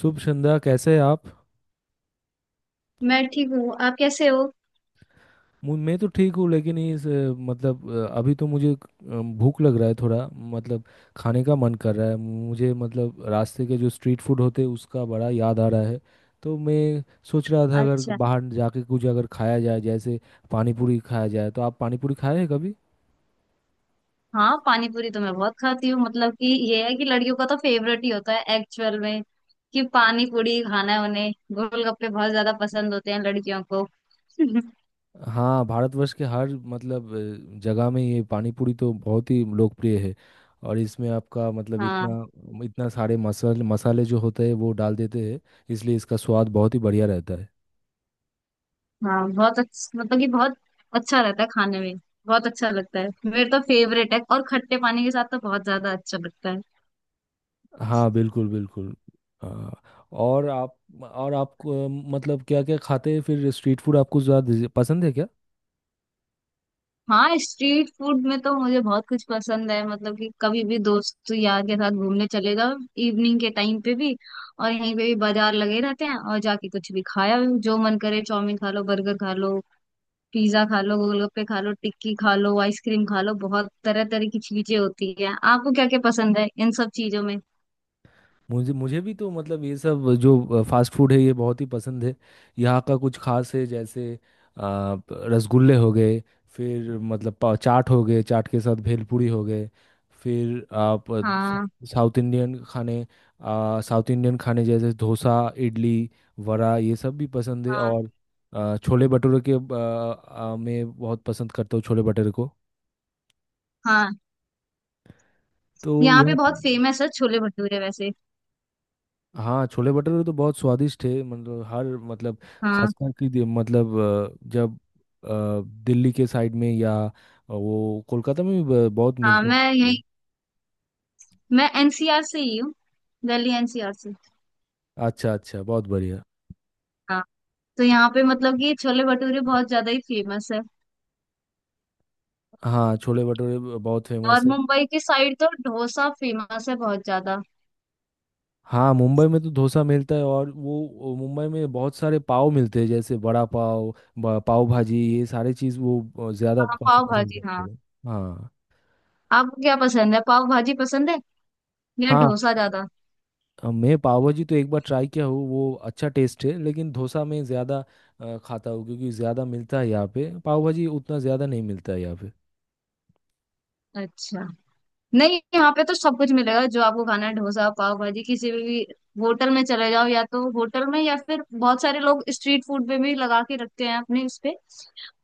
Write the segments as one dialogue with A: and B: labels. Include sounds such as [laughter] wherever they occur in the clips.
A: शुभ संध्या, कैसे हैं आप।
B: मैं ठीक हूँ। आप कैसे हो?
A: मैं तो ठीक हूँ लेकिन इस मतलब अभी तो मुझे भूख लग रहा है थोड़ा। मतलब खाने का मन कर रहा है मुझे, मतलब रास्ते के जो स्ट्रीट फूड होते हैं उसका बड़ा याद आ रहा है। तो मैं सोच रहा था अगर
B: अच्छा।
A: बाहर जाके कुछ अगर खाया जाए, जैसे पानी पूरी खाया जाए। तो आप पानी पूरी खाए हैं कभी?
B: हाँ, पानी पूरी तो मैं बहुत खाती हूँ। मतलब कि ये है कि लड़कियों का तो फेवरेट ही होता है एक्चुअल में, कि पानी पूरी खाना है उन्हें। गोलगप्पे बहुत ज्यादा पसंद होते हैं लड़कियों को। [laughs]
A: हाँ, भारतवर्ष के हर मतलब जगह में ये पानी पूरी तो बहुत ही लोकप्रिय है। और इसमें आपका मतलब
B: हाँ।
A: इतना इतना सारे मसाले मसाले जो होते हैं वो डाल देते हैं, इसलिए इसका स्वाद बहुत ही बढ़िया रहता है।
B: हाँ बहुत अच्छा, मतलब कि बहुत अच्छा रहता है खाने में। बहुत अच्छा लगता है, मेरे तो फेवरेट है, और खट्टे पानी के साथ तो बहुत ज्यादा अच्छा लगता है।
A: हाँ, बिल्कुल बिल्कुल। हाँ, और आप और आपको मतलब क्या क्या खाते हैं? फिर स्ट्रीट फूड आपको ज़्यादा पसंद है क्या?
B: हाँ, स्ट्रीट फूड में तो मुझे बहुत कुछ पसंद है। मतलब कि कभी भी दोस्त यार के साथ घूमने चले जाओ, इवनिंग के टाइम पे भी, और यहीं पे भी बाजार लगे रहते हैं और जाके कुछ भी खाया, जो मन करे। चाउमीन खा लो, बर्गर खा लो, पिज्जा खा लो, गोलगप्पे खा लो, टिक्की खा लो, आइसक्रीम खा लो, बहुत तरह तरह की चीजें होती है। आपको क्या क्या पसंद है इन सब चीजों में?
A: मुझे मुझे भी तो मतलब ये सब जो फास्ट फूड है ये बहुत ही पसंद है। यहाँ का कुछ खास है, जैसे आ, प- रसगुल्ले हो गए, फिर मतलब चाट हो गए, चाट के साथ भेलपूरी हो गए। फिर आप
B: हाँ,
A: साउथ इंडियन खाने साउथ इंडियन खाने जैसे डोसा, इडली, वड़ा ये सब भी पसंद है।
B: हाँ।
A: और छोले भटूरे के आ, आ, मैं बहुत पसंद करता हूँ छोले भटूरे को।
B: हाँ,
A: तो
B: यहाँ
A: यह
B: पे बहुत फेमस है छोले भटूरे वैसे।
A: हाँ, छोले भटूरे तो बहुत स्वादिष्ट है, मतलब हर मतलब
B: हाँ।
A: खासकर कि मतलब जब दिल्ली के साइड में, या वो कोलकाता में भी बहुत
B: हाँ,
A: मिलते
B: मैं
A: हैं।
B: यही, मैं एनसीआर से ही हूँ, दिल्ली एनसीआर से।
A: अच्छा अच्छा, बहुत बढ़िया।
B: हाँ। तो यहाँ पे मतलब कि छोले भटूरे बहुत ज्यादा ही फेमस है।
A: हाँ, छोले भटूरे बहुत
B: और
A: फेमस है।
B: मुंबई की साइड तो डोसा फेमस है बहुत ज्यादा।
A: हाँ, मुंबई में तो डोसा मिलता है। और वो मुंबई में बहुत सारे पाव मिलते हैं, जैसे बड़ा पाव, पाव भाजी, ये सारे चीज़ वो ज़्यादा
B: हाँ, पाव
A: पसंद
B: भाजी,
A: करते
B: हाँ।
A: हैं। हाँ
B: आपको क्या पसंद है? पाव भाजी पसंद है या
A: हाँ,
B: डोसा ज्यादा?
A: मैं पाव भाजी तो एक बार ट्राई किया हूँ, वो अच्छा टेस्ट है। लेकिन डोसा में ज़्यादा खाता हूँ, क्योंकि ज़्यादा मिलता है यहाँ पे। पाव भाजी उतना ज़्यादा नहीं मिलता है यहाँ पे।
B: अच्छा। नहीं, यहाँ पे तो सब कुछ मिलेगा जो आपको खाना है। डोसा, पाव भाजी, किसी भी होटल में चले जाओ, या तो होटल में या फिर बहुत सारे लोग स्ट्रीट फूड पे भी लगा के रखते हैं अपने उस पे,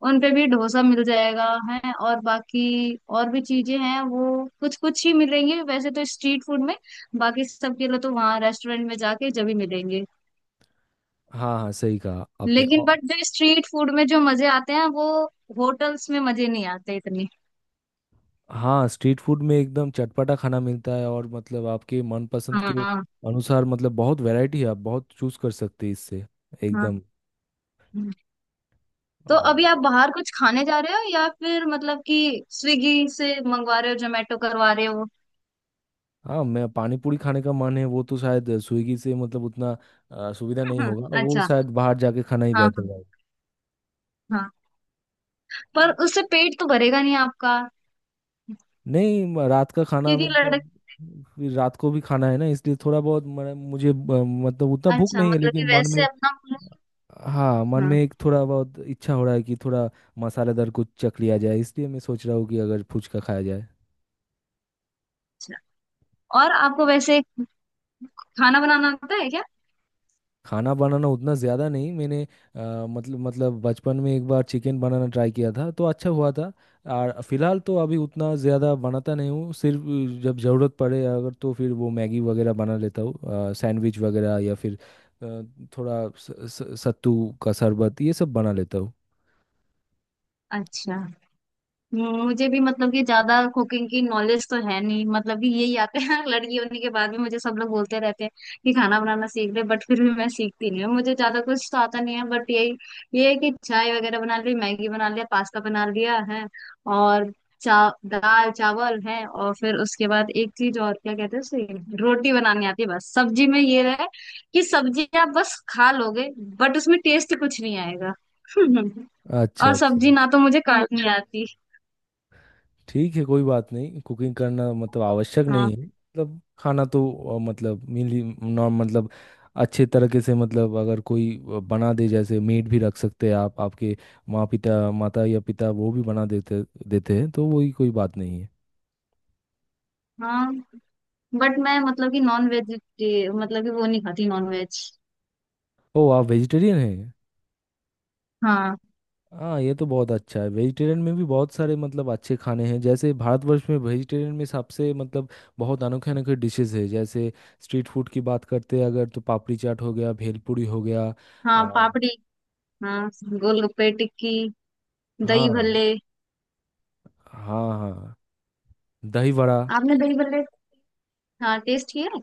B: उन पे भी डोसा मिल जाएगा। है और बाकी और भी चीजें हैं, वो कुछ कुछ ही मिलेंगे वैसे तो स्ट्रीट फूड में। बाकी सबके लिए तो वहाँ रेस्टोरेंट में जाके जब ही मिलेंगे।
A: हाँ हाँ, सही कहा आपने।
B: लेकिन
A: और
B: बट जो स्ट्रीट फूड में जो मजे आते हैं, वो होटल्स में मजे नहीं आते इतने।
A: हाँ, स्ट्रीट फूड में एकदम चटपटा खाना मिलता है, और मतलब आपके मनपसंद के
B: हाँ, हाँ।
A: अनुसार मतलब बहुत वैरायटी है। आप बहुत चूज कर सकते हैं इससे। एकदम
B: हाँ। तो
A: अ,
B: अभी आप बाहर कुछ खाने जा रहे हो, या फिर मतलब कि स्विगी से मंगवा रहे हो, जोमेटो करवा रहे हो?
A: हाँ, मैं पानी पूरी खाने का मन है। वो तो शायद स्विगी से मतलब उतना सुविधा नहीं
B: [laughs]
A: होगा, वो
B: अच्छा।
A: शायद बाहर जाके खाना ही
B: हाँ, हाँ।
A: बेहतर है।
B: हाँ। पर उससे पेट तो भरेगा नहीं आपका,
A: नहीं, रात का खाना
B: क्योंकि
A: में तो
B: लड़क
A: फिर रात को भी खाना है ना, इसलिए थोड़ा बहुत मुझे मतलब उतना भूख
B: अच्छा,
A: नहीं है,
B: मतलब
A: लेकिन
B: कि
A: मन
B: वैसे
A: में।
B: अपना।
A: हाँ, मन
B: हाँ,
A: में एक थोड़ा बहुत इच्छा हो रहा है कि थोड़ा मसालेदार कुछ चख लिया जाए। इसलिए मैं सोच रहा हूँ कि अगर फुचका खाया जाए।
B: और आपको वैसे खाना बनाना आता है क्या?
A: खाना बनाना उतना ज़्यादा नहीं। मैंने मतलब बचपन में एक बार चिकन बनाना ट्राई किया था, तो अच्छा हुआ था। और फिलहाल तो अभी उतना ज़्यादा बनाता नहीं हूँ। सिर्फ जब ज़रूरत पड़े अगर, तो फिर वो मैगी वगैरह बना लेता हूँ, सैंडविच वगैरह, या फिर अ, थोड़ा स, स, सत्तू का शरबत, ये सब बना लेता हूँ।
B: अच्छा। मुझे भी मतलब कि ज्यादा कुकिंग की नॉलेज तो है नहीं, मतलब कि यही आते हैं। [laughs] लड़की होने के बाद भी मुझे सब लोग बोलते रहते हैं कि खाना बनाना सीख ले, बट फिर भी मैं सीखती नहीं हूँ। मुझे ज्यादा कुछ तो आता नहीं है, बट यही ये है कि चाय वगैरह बना ली, मैगी बना लिया, पास्ता बना लिया है। और चा दाल चावल है, और फिर उसके बाद एक चीज और, क्या कहते हैं उसे, रोटी बनानी आती है बस। सब्जी में ये रहे कि सब्जी आप बस खा लोगे, बट उसमें टेस्ट कुछ नहीं आएगा। [laughs]
A: अच्छा
B: और
A: अच्छा,
B: सब्जी ना तो मुझे काटनी अच्छा आती।
A: ठीक है, कोई बात नहीं। कुकिंग करना मतलब आवश्यक नहीं
B: हाँ,
A: है, मतलब खाना तो मतलब मिली नॉर्म मतलब अच्छे तरीके से, मतलब अगर कोई बना दे, जैसे मेड भी रख सकते हैं आप, आपके माँ पिता, माता या पिता वो भी बना देते देते हैं, तो वही कोई बात नहीं है।
B: हाँ। बट मैं मतलब कि नॉन वेज, मतलब कि वो नहीं खाती नॉन वेज।
A: ओ, आप वेजिटेरियन हैं?
B: हाँ।
A: हाँ, ये तो बहुत अच्छा है। वेजिटेरियन में भी बहुत सारे मतलब अच्छे खाने हैं, जैसे भारतवर्ष में वेजिटेरियन में सबसे मतलब बहुत अनोखे अनोखे डिशेस है, जैसे स्ट्रीट फूड की बात करते हैं अगर, तो पापड़ी चाट हो गया, भेलपूरी हो गया,
B: हाँ,
A: आ,
B: पापड़ी। हाँ, गोलगप्पे, टिक्की, दही
A: हाँ
B: भल्ले।
A: हाँ, हाँ दही बड़ा।
B: आपने दही भल्ले, हाँ, टेस्ट किया है?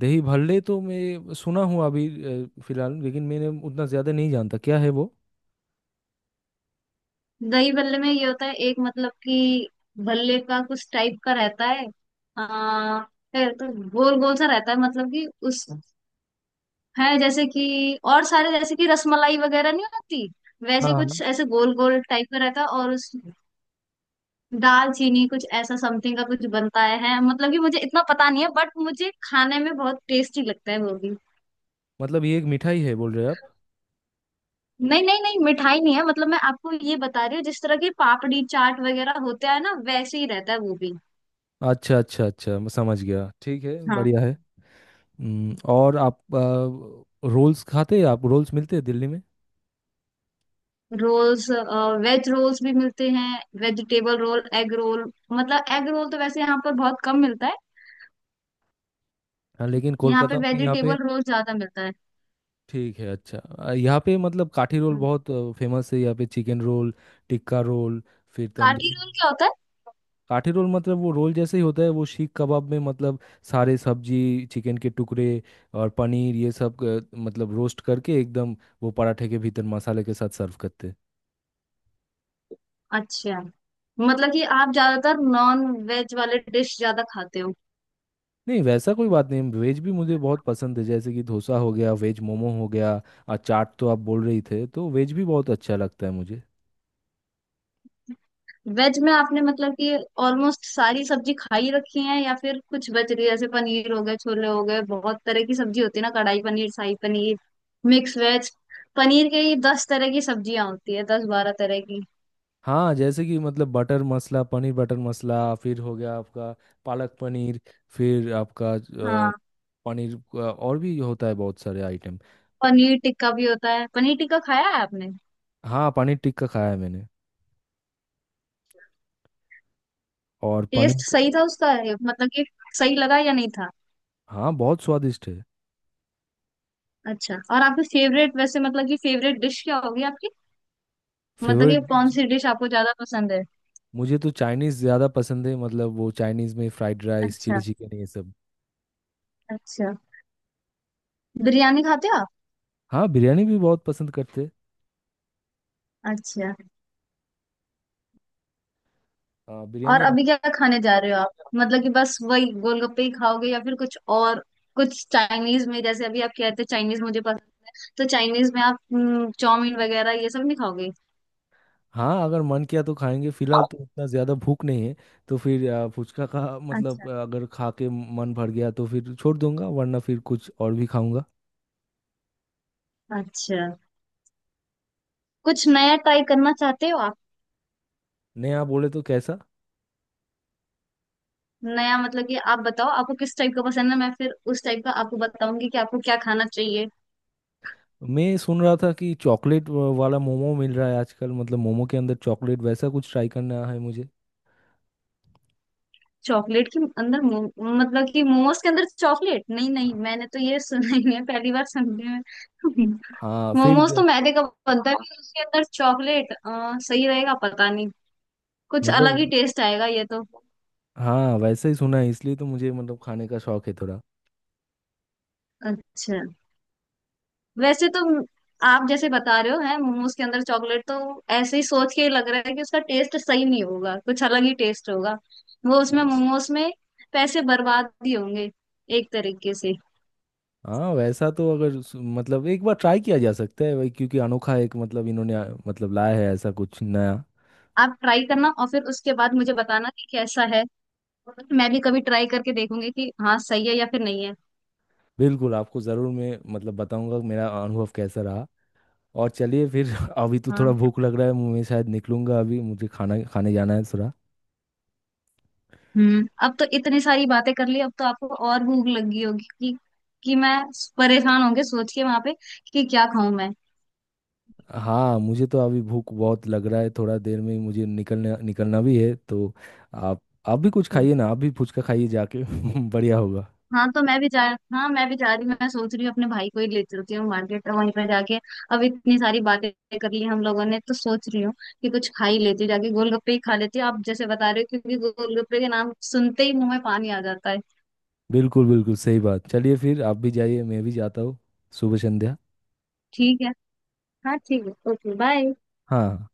A: दही भल्ले तो मैं सुना हूँ अभी फिलहाल, लेकिन मैंने उतना ज़्यादा नहीं जानता क्या है वो।
B: दही भल्ले में ये होता है, एक मतलब कि भल्ले का कुछ टाइप का रहता है, आ, है तो गोल गोल सा रहता है। मतलब कि उस है जैसे कि, और सारे जैसे कि रसमलाई वगैरह नहीं होती,
A: हाँ
B: वैसे कुछ
A: हाँ,
B: ऐसे गोल गोल टाइप का रहता है, और उस दाल चीनी कुछ ऐसा समथिंग का कुछ बनता है। मतलब कि मुझे इतना पता नहीं है, बट मुझे खाने में बहुत टेस्टी लगता है वो भी।
A: मतलब ये एक मिठाई है बोल रहे हैं आप?
B: नहीं नहीं नहीं, मिठाई नहीं है। मतलब मैं आपको ये बता रही हूँ, जिस तरह की पापड़ी चाट वगैरह होता है ना, वैसे ही रहता है वो भी।
A: अच्छा अच्छा अच्छा, मैं समझ गया। ठीक है,
B: हाँ।
A: बढ़िया है। और आप रोल्स खाते हैं? आप रोल्स मिलते हैं दिल्ली में?
B: रोल्स? वेज रोल्स भी मिलते हैं, वेजिटेबल रोल, एग रोल। मतलब एग रोल तो वैसे यहाँ पर बहुत कम मिलता है।
A: हाँ, लेकिन
B: यहाँ पे
A: कोलकाता में यहाँ पे
B: वेजिटेबल रोल ज्यादा मिलता है।
A: ठीक है। अच्छा, यहाँ पे मतलब काठी रोल
B: हम्म।
A: बहुत फेमस है, यहाँ पे चिकन रोल, टिक्का रोल, फिर
B: काठी
A: तंदूरी।
B: रोल क्या होता है?
A: काठी रोल मतलब वो रोल जैसे ही होता है, वो सीख कबाब में मतलब सारे सब्जी, चिकन के टुकड़े और पनीर ये सब मतलब रोस्ट करके एकदम, वो पराठे के भीतर मसाले के साथ सर्व करते हैं।
B: अच्छा, मतलब कि आप ज्यादातर नॉन वेज वाले डिश ज्यादा खाते हो?
A: नहीं, वैसा कोई बात नहीं, वेज भी मुझे बहुत पसंद है, जैसे कि डोसा हो गया, वेज मोमो हो गया। और चाट तो आप बोल रही थे, तो वेज भी बहुत अच्छा लगता है मुझे।
B: वेज में आपने मतलब कि ऑलमोस्ट सारी सब्जी खाई रखी है, या फिर कुछ बच रही है? जैसे पनीर हो गए, छोले हो गए, बहुत तरह की सब्जी होती है ना, कढ़ाई पनीर, शाही पनीर, मिक्स वेज। पनीर के ही दस तरह की सब्जियां होती है, दस बारह तरह की।
A: हाँ, जैसे कि मतलब बटर मसाला, पनीर बटर मसाला, फिर हो गया आपका पालक पनीर, फिर आपका अ,
B: हाँ,
A: पनीर का और भी होता है बहुत सारे आइटम।
B: पनीर टिक्का भी होता है। पनीर टिक्का खाया है आपने?
A: हाँ, पनीर टिक्का खाया है मैंने। और
B: टेस्ट सही था उसका, ये मतलब कि सही लगा या नहीं था?
A: हाँ, बहुत स्वादिष्ट है।
B: अच्छा। और आपकी फेवरेट वैसे, मतलब कि फेवरेट डिश क्या होगी आपकी, मतलब
A: फेवरेट
B: कि कौन
A: डिश?
B: सी डिश आपको ज्यादा पसंद है?
A: मुझे तो चाइनीज़ ज़्यादा पसंद है, मतलब वो चाइनीज़ में फ्राइड राइस, चिली
B: अच्छा।
A: चिकन ये सब।
B: अच्छा। बिरयानी खाते हो आप?
A: हाँ, बिरयानी भी बहुत पसंद करते हैं।
B: अच्छा।
A: हाँ,
B: और
A: बिरयानी आप।
B: अभी क्या खाने जा रहे हो आप, मतलब कि बस वही गोलगप्पे ही खाओगे या फिर कुछ और? कुछ चाइनीज में, जैसे अभी आप कहते हो चाइनीज मुझे पसंद, तो चाइनीज में आप चाउमीन वगैरह ये सब नहीं खाओगे?
A: हाँ, अगर मन किया तो खाएंगे, फिलहाल तो उतना ज़्यादा भूख नहीं है। तो फिर फुचका का [laughs]
B: अच्छा।
A: मतलब अगर खा के मन भर गया तो फिर छोड़ दूंगा, वरना फिर कुछ और भी खाऊंगा।
B: अच्छा। कुछ नया ट्राई करना चाहते हो आप?
A: नया बोले तो कैसा?
B: नया मतलब कि आप बताओ आपको किस टाइप का पसंद है, मैं फिर उस टाइप का आपको बताऊंगी कि आपको क्या खाना चाहिए।
A: मैं सुन रहा था कि चॉकलेट वाला मोमो मिल रहा है आजकल, मतलब मोमो के अंदर चॉकलेट, वैसा कुछ ट्राई करना है मुझे।
B: चॉकलेट के अंदर मतलब कि मोमोज के अंदर चॉकलेट? नहीं नहीं, मैंने तो ये सुना ही है, पहली बार सुन रही हूँ।
A: हाँ, फिर
B: मोमोज तो मैदे का बनता है, फिर उसके अंदर चॉकलेट सही रहेगा पता नहीं, कुछ अलग
A: मतलब
B: ही टेस्ट आएगा ये तो।
A: हाँ, वैसा ही सुना है, इसलिए तो मुझे मतलब खाने का शौक है थोड़ा।
B: अच्छा। वैसे तो म- आप जैसे बता रहे हो है मोमोज के अंदर चॉकलेट, तो ऐसे ही सोच के ही लग रहा है कि उसका टेस्ट सही नहीं होगा, कुछ अलग ही टेस्ट होगा वो, उसमें मोमोज में पैसे बर्बाद ही होंगे एक तरीके से।
A: हाँ, वैसा तो अगर मतलब एक बार ट्राई किया जा सकता है भाई, क्योंकि अनोखा एक मतलब इन्होंने मतलब लाया है ऐसा कुछ नया।
B: आप ट्राई करना और फिर उसके बाद मुझे बताना कि कैसा है। मैं भी कभी ट्राई करके देखूंगी कि हाँ सही है या फिर नहीं है।
A: बिल्कुल, आपको ज़रूर मैं मतलब बताऊंगा मेरा अनुभव कैसा रहा। और चलिए फिर, [laughs] अभी तो थोड़ा
B: हाँ।
A: भूख लग रहा है, मैं शायद निकलूंगा, अभी मुझे खाना खाने जाना है थोड़ा।
B: हम्म, अब तो इतनी सारी बातें कर ली, अब तो आपको और भूख लग गई होगी कि मैं, परेशान होंगे सोच के वहां पे कि क्या खाऊं मैं।
A: हाँ, मुझे तो अभी भूख बहुत लग रहा है, थोड़ा देर में ही मुझे निकलना निकलना भी है, तो आप आप भी कुछ
B: हम्म।
A: खाइए ना, आप भी फुचका खाइए जाके। [laughs] बढ़िया होगा।
B: हाँ, तो मैं भी जा, हाँ मैं भी जा रही हूँ। मैं सोच रही हूँ अपने भाई को ही ले चलती हूँ, मार्केट वहीं पर जाके। अब इतनी सारी बातें कर ली हम लोगों ने, तो सोच रही हूँ कि कुछ खा ही लेती हूँ, जाके गोलगप्पे ही खा लेती हूँ। आप जैसे बता रहे हो, क्योंकि गोलगप्पे के नाम सुनते ही मुंह में पानी आ जाता है।
A: बिल्कुल बिल्कुल, सही बात। चलिए फिर, आप भी जाइए, मैं भी जाता हूँ। शुभ संध्या।
B: ठीक है। हाँ, ठीक है, ओके, बाय।
A: हाँ।